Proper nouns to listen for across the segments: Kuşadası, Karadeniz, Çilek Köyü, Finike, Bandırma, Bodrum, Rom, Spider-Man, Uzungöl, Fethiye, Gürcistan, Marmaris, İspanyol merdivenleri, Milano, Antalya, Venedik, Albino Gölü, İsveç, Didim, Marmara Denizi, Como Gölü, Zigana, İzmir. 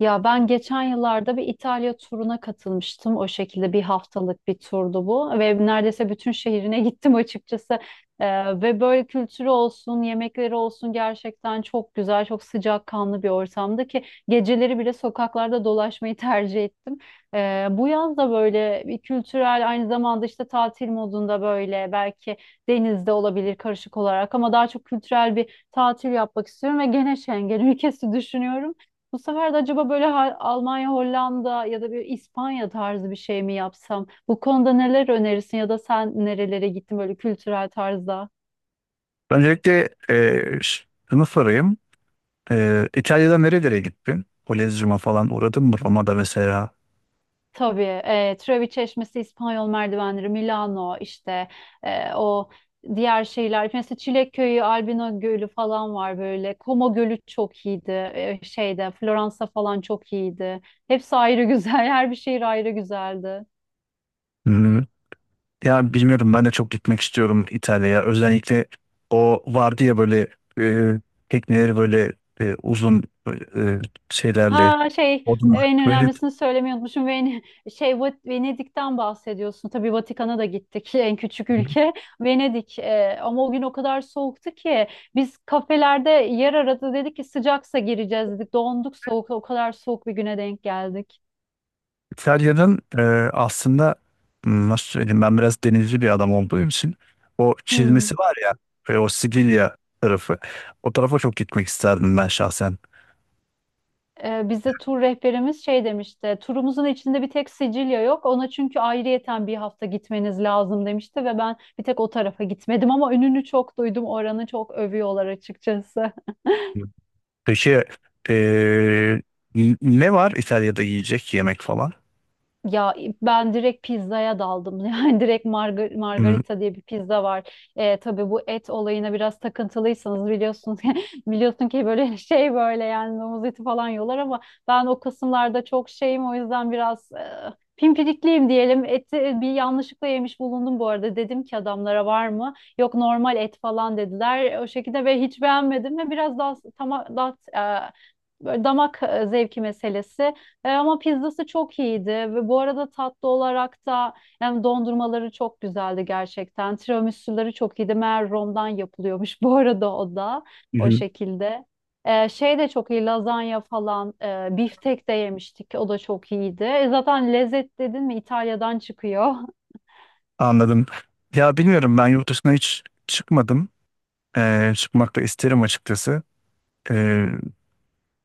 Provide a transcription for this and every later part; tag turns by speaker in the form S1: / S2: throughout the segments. S1: Ya ben geçen yıllarda bir İtalya turuna katılmıştım. O şekilde bir haftalık bir turdu bu ve neredeyse bütün şehrine gittim açıkçası. Ve böyle kültürü olsun, yemekleri olsun gerçekten çok güzel, çok sıcakkanlı bir ortamdı ki geceleri bile sokaklarda dolaşmayı tercih ettim. Bu yaz da böyle bir kültürel aynı zamanda işte tatil modunda böyle belki denizde olabilir karışık olarak ama daha çok kültürel bir tatil yapmak istiyorum ve gene Schengen ülkesi düşünüyorum. Bu sefer de acaba böyle Almanya, Hollanda ya da bir İspanya tarzı bir şey mi yapsam? Bu konuda neler önerirsin ya da sen nerelere gittin böyle kültürel tarzda?
S2: Öncelikle şunu sorayım. İtalya'da nerelere gittin? Kolezyum'a falan uğradın mı? Roma'da mesela.
S1: Tabii Trevi Çeşmesi, İspanyol merdivenleri, Milano işte e, o diğer şeyler. Mesela Çilek Köyü, Albino Gölü falan var böyle. Como Gölü çok iyiydi. Şeyde Floransa falan çok iyiydi. Hepsi ayrı güzel. Her bir şehir ayrı güzeldi.
S2: Hmm. Ya bilmiyorum ben de çok gitmek istiyorum İtalya'ya. Özellikle o vardı ya böyle e, tekneleri böyle uzun e, şeylerle.
S1: Ha şey,
S2: Odun.
S1: en
S2: Böyle
S1: önemlisini söylemeyi unutmuşum. Şey, Venedik'ten bahsediyorsun. Tabii Vatikan'a da gittik, en küçük ülke Venedik. Ama o gün o kadar soğuktu ki biz kafelerde yer aradı, dedik ki sıcaksa gireceğiz dedik. Donduk, soğuk, o kadar soğuk bir güne denk geldik.
S2: İtalya'nın aslında nasıl söyleyeyim ben biraz denizci bir adam olduğum için o
S1: Hmm.
S2: çizmesi var ya o Sicilya tarafı. O tarafa çok gitmek isterdim ben şahsen.
S1: Bize tur rehberimiz şey demişti. Turumuzun içinde bir tek Sicilya yok. Ona çünkü ayrıyeten bir hafta gitmeniz lazım demişti ve ben bir tek o tarafa gitmedim ama önünü çok duydum. Oranı çok övüyorlar açıkçası.
S2: Peki eee, ne var İtalya'da yiyecek yemek falan?
S1: Ya ben direkt pizzaya daldım. Yani direkt
S2: Hmm,
S1: margarita diye bir pizza var. Tabii bu et olayına biraz takıntılıysanız biliyorsunuz, biliyorsun ki böyle, şey böyle, yani domuz eti falan yiyorlar ama ben o kısımlarda çok şeyim, o yüzden biraz pimpirikliyim diyelim. Eti bir yanlışlıkla yemiş bulundum bu arada. Dedim ki adamlara, var mı? Yok, normal et falan dediler. O şekilde ve hiç beğenmedim ve biraz daha tamam, daha böyle damak zevki meselesi. Ama pizzası çok iyiydi ve bu arada tatlı olarak da yani dondurmaları çok güzeldi gerçekten. Tiramisu'ları çok iyiydi. Meğer Rom'dan yapılıyormuş, bu arada o da o
S2: mhm.
S1: şekilde. Şey de çok iyi, lazanya falan, biftek de yemiştik, o da çok iyiydi. Zaten lezzet dedin mi İtalya'dan çıkıyor.
S2: Anladım. Ya bilmiyorum ben yurt dışına hiç çıkmadım. Çıkmak da isterim açıkçası. Eee,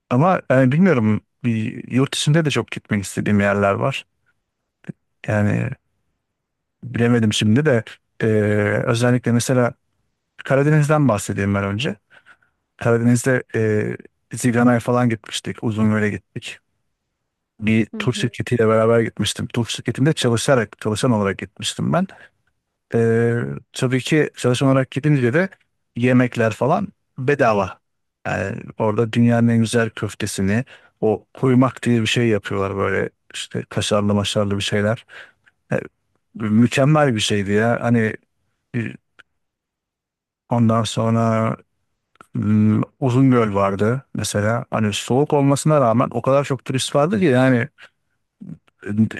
S2: Ama yani bilmiyorum bir yurt dışında da çok gitmek istediğim yerler var. Yani bilemedim şimdi de e, özellikle mesela Karadeniz'den bahsedeyim ben önce. Karadeniz'de Zigana'ya falan gitmiştik. Uzungöl'e gittik. Bir
S1: Hı
S2: tur
S1: hı.
S2: şirketiyle beraber gitmiştim. Tur şirketinde çalışarak, çalışan olarak gitmiştim ben. E, tabii ki çalışan olarak gidince de yemekler falan bedava. Yani orada dünyanın en güzel köftesini, o kuymak diye bir şey yapıyorlar böyle işte kaşarlı maşarlı bir şeyler. E, Mükemmel bir şeydi ya. Hani ondan sonra Uzungöl vardı mesela. Hani soğuk olmasına rağmen o kadar çok turist vardı ki yani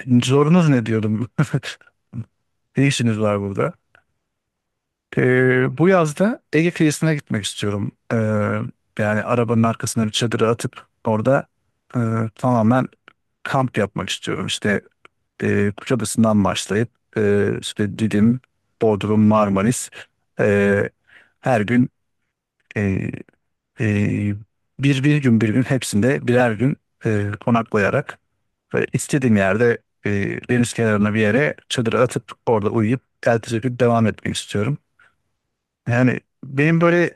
S2: zorunuz ne diyordum. Ne işiniz var burada? Bu yazda Ege kıyısına gitmek istiyorum. Yani arabanın arkasına bir çadırı atıp orada e, tamamen kamp yapmak istiyorum. İşte Kuşadası'ndan başlayıp işte Didim, Bodrum, Marmaris e, her gün Ee, bir gün bir gün hepsinde birer gün konaklayarak ve istediğim yerde e, deniz kenarına bir yere çadır atıp orada uyuyup ertesi gün devam etmek istiyorum. Yani benim böyle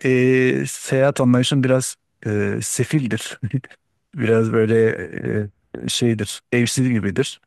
S2: seyahat anlayışım biraz sefildir. Biraz böyle şeydir, evsiz gibidir.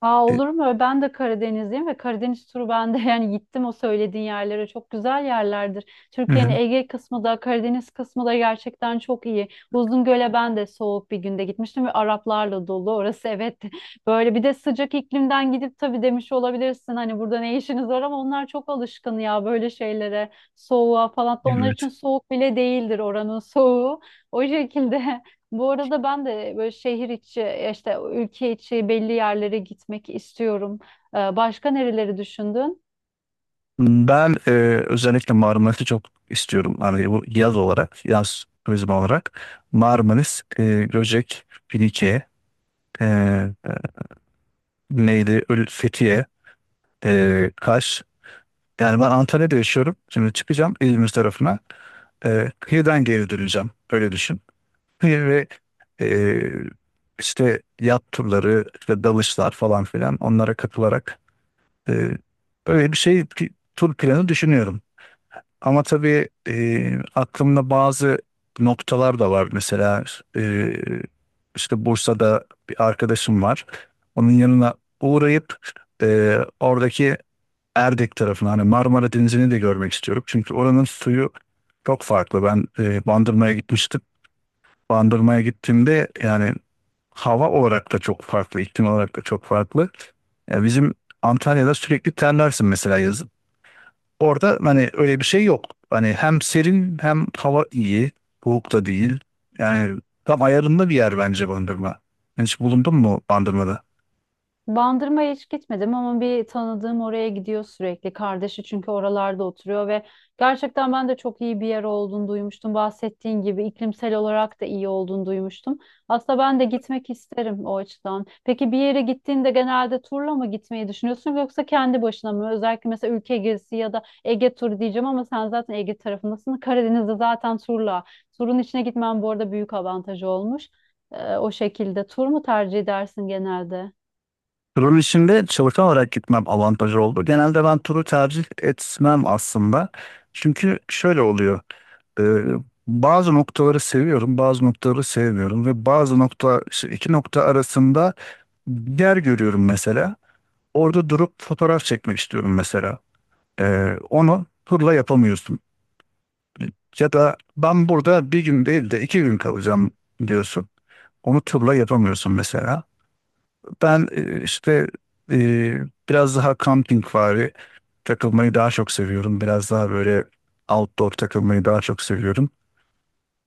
S1: Aa,
S2: E,
S1: olur mu? Ben de Karadenizliyim ve Karadeniz turu ben de yani gittim o söylediğin yerlere. Çok güzel yerlerdir.
S2: hı
S1: Türkiye'nin
S2: hı,
S1: Ege kısmı da Karadeniz kısmı da gerçekten çok iyi. Uzungöl'e ben de soğuk bir günde gitmiştim ve Araplarla dolu orası, evet. Böyle bir de sıcak iklimden gidip tabii demiş olabilirsin hani burada ne işiniz var, ama onlar çok alışkın ya böyle şeylere. Soğuğa falan da, onlar
S2: evet.
S1: için soğuk bile değildir oranın soğuğu. O şekilde. Bu arada ben de böyle şehir içi, ya işte ülke içi belli yerlere gitmek istiyorum. Başka nereleri düşündün?
S2: Ben özellikle Marmaris'i çok istiyorum. Hani bu yaz olarak, yaz turizmi olarak. Marmaris, Göcek, Finike. Ee, Neydi? Fethiye, Kaş. Yani ben Antalya'da yaşıyorum. Şimdi çıkacağım İzmir tarafına. Kıyıdan geri döneceğim. Öyle düşün. Kıyı ve ee, işte yat turları, işte dalışlar falan filan onlara katılarak, ee, böyle bir tur planı düşünüyorum. Ama tabii aklımda bazı noktalar da var. Mesela e, işte Bursa'da bir arkadaşım var. Onun yanına uğrayıp oradaki Erdek tarafını hani Marmara Denizi'ni de görmek istiyorum. Çünkü oranın suyu çok farklı. Ben Bandırma'ya gitmiştim. Bandırma'ya gittiğimde yani hava olarak da çok farklı, iklim olarak da çok farklı. Ya bizim Antalya'da sürekli terlersin mesela yazın. Orada hani öyle bir şey yok. Hani hem serin hem hava iyi. Soğuk da değil. Yani tam ayarında bir yer bence Bandırma. Hiç bulundun mu Bandırma'da?
S1: Bandırma'ya hiç gitmedim ama bir tanıdığım oraya gidiyor sürekli. Kardeşi çünkü oralarda oturuyor ve gerçekten ben de çok iyi bir yer olduğunu duymuştum. Bahsettiğin gibi iklimsel olarak da iyi olduğunu duymuştum. Aslında ben de gitmek isterim o açıdan. Peki bir yere gittiğinde genelde turla mı gitmeyi düşünüyorsun yoksa kendi başına mı? Özellikle mesela ülke gezisi ya da Ege turu diyeceğim ama sen zaten Ege tarafındasın. Karadeniz'de zaten turla. Turun içine gitmen bu arada büyük avantajı olmuş. O şekilde tur mu tercih edersin genelde?
S2: Turun içinde çalışan olarak gitmem avantajı oldu. Genelde ben turu tercih etmem aslında. Çünkü şöyle oluyor. Ee, Bazı noktaları seviyorum, bazı noktaları sevmiyorum ve bazı nokta işte iki nokta arasında bir yer görüyorum mesela. Orada durup fotoğraf çekmek istiyorum mesela. Onu turla yapamıyorsun. Ya da ben burada bir gün değil de iki gün kalacağım diyorsun. Onu turla yapamıyorsun mesela. Ben e, biraz daha campingvari takılmayı daha çok seviyorum. Biraz daha böyle outdoor takılmayı daha çok seviyorum.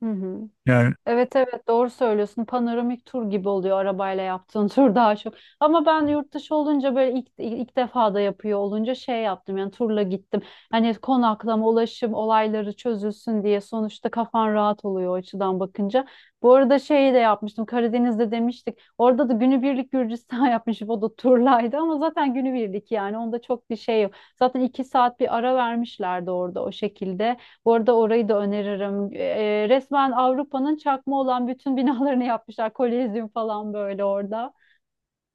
S1: Hı hı.
S2: Yani
S1: Evet, evet, doğru söylüyorsun. Panoramik tur gibi oluyor arabayla yaptığın tur daha çok. Ama ben yurt dışı olunca böyle ilk defa da yapıyor olunca şey yaptım, yani turla gittim. Hani konaklama, ulaşım olayları çözülsün diye sonuçta kafan rahat oluyor o açıdan bakınca. Bu arada şeyi de yapmıştım, Karadeniz'de demiştik. Orada da günübirlik Gürcistan yapmışım, o da turlaydı ama zaten günübirlik, yani onda çok bir şey yok. Zaten iki saat bir ara vermişlerdi orada, o şekilde. Bu arada orayı da öneririm. Resmen Avrupa'nın çakma olan bütün binalarını yapmışlar. Kolezyum falan böyle orada.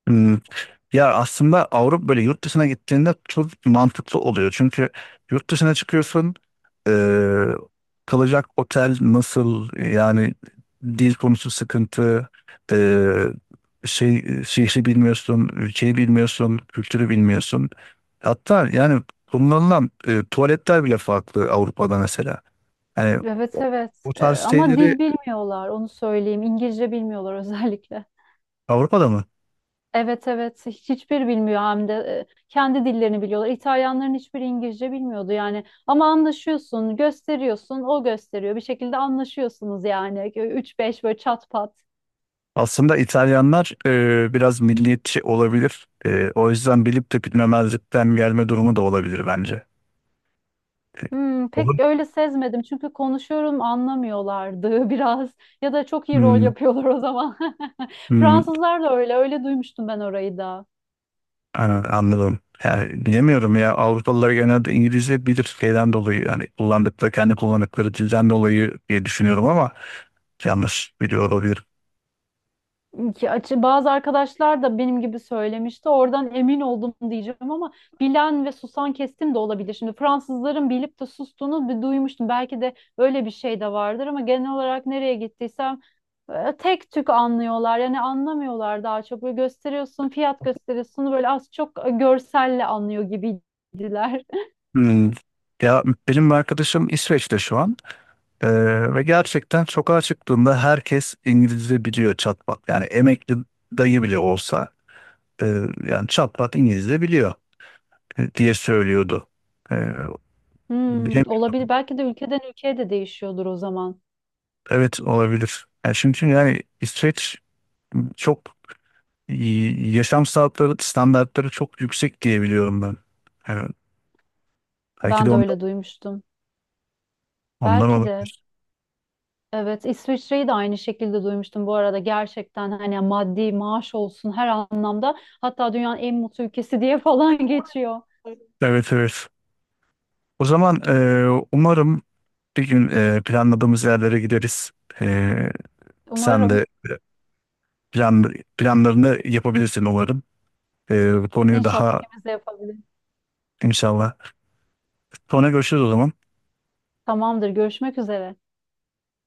S2: hmm, ya aslında Avrupa böyle yurt dışına gittiğinde çok mantıklı oluyor. Çünkü yurt dışına çıkıyorsun, eee, kalacak otel nasıl, yani dil konusu sıkıntı, eee, şey şehri bilmiyorsun, ülkeyi bilmiyorsun, kültürü bilmiyorsun. Hatta yani kullanılan tuvaletler bile farklı Avrupa'da mesela. Yani
S1: Evet,
S2: o
S1: evet.
S2: o tarz
S1: Ama
S2: şeyleri
S1: dil bilmiyorlar, onu söyleyeyim. İngilizce bilmiyorlar özellikle.
S2: Avrupa'da mı?
S1: Evet, evet. Hiçbir bilmiyor, hem de kendi dillerini biliyorlar. İtalyanların hiçbiri İngilizce bilmiyordu yani. Ama anlaşıyorsun, gösteriyorsun, o gösteriyor. Bir şekilde anlaşıyorsunuz yani. 3-5 böyle çat pat.
S2: Aslında İtalyanlar biraz milliyetçi olabilir. O yüzden bilip de bilmemezlikten gelme durumu da olabilir bence. E,
S1: Hmm, pek
S2: olur.
S1: öyle sezmedim çünkü konuşuyorum anlamıyorlardı biraz, ya da çok iyi rol
S2: Hmm,
S1: yapıyorlar o zaman.
S2: hmm,
S1: Fransızlar da öyle, öyle duymuştum ben orayı da.
S2: anladım. Yani bilemiyorum ya Avrupalılar genelde İngilizce bilir şeyden dolayı yani kendi kullandıkları dilden dolayı diye düşünüyorum ama yanlış biliyor olabilir.
S1: Ki açı bazı arkadaşlar da benim gibi söylemişti. Oradan emin oldum diyeceğim ama bilen ve susan kestim de olabilir. Şimdi Fransızların bilip de sustuğunu bir duymuştum. Belki de öyle bir şey de vardır ama genel olarak nereye gittiysem tek tük anlıyorlar. Yani anlamıyorlar daha çok. Böyle gösteriyorsun, fiyat gösteriyorsun, böyle az çok görselle anlıyor gibiydiler.
S2: Hmm. Ya benim arkadaşım İsveç'te şu an. Ve gerçekten sokağa çıktığında herkes İngilizce biliyor çatpat. Yani emekli dayı bile olsa e, yani çatpat İngilizce biliyor diye söylüyordu. Ee,
S1: Hmm,
S2: Bilemiyorum.
S1: olabilir. Belki de ülkeden ülkeye de değişiyordur o zaman.
S2: Evet olabilir. Yani çünkü yani İsveç çok yaşam standartları çok yüksek diye biliyorum ben. Yani belki de
S1: Ben de öyle duymuştum.
S2: ondan
S1: Belki de.
S2: olabilir.
S1: Evet, İsviçre'yi de aynı şekilde duymuştum bu arada. Gerçekten hani maddi, maaş olsun, her anlamda. Hatta dünyanın en mutlu ülkesi diye falan geçiyor.
S2: Evet, evet. O zaman umarım bir gün planladığımız yerlere gideriz. E, Sen
S1: Umarım,
S2: de planlarını yapabilirsin umarım. Bu konuyu
S1: inşallah
S2: daha
S1: ikimiz de yapabiliriz.
S2: inşallah. Sonra görüşürüz o zaman.
S1: Tamamdır, görüşmek üzere.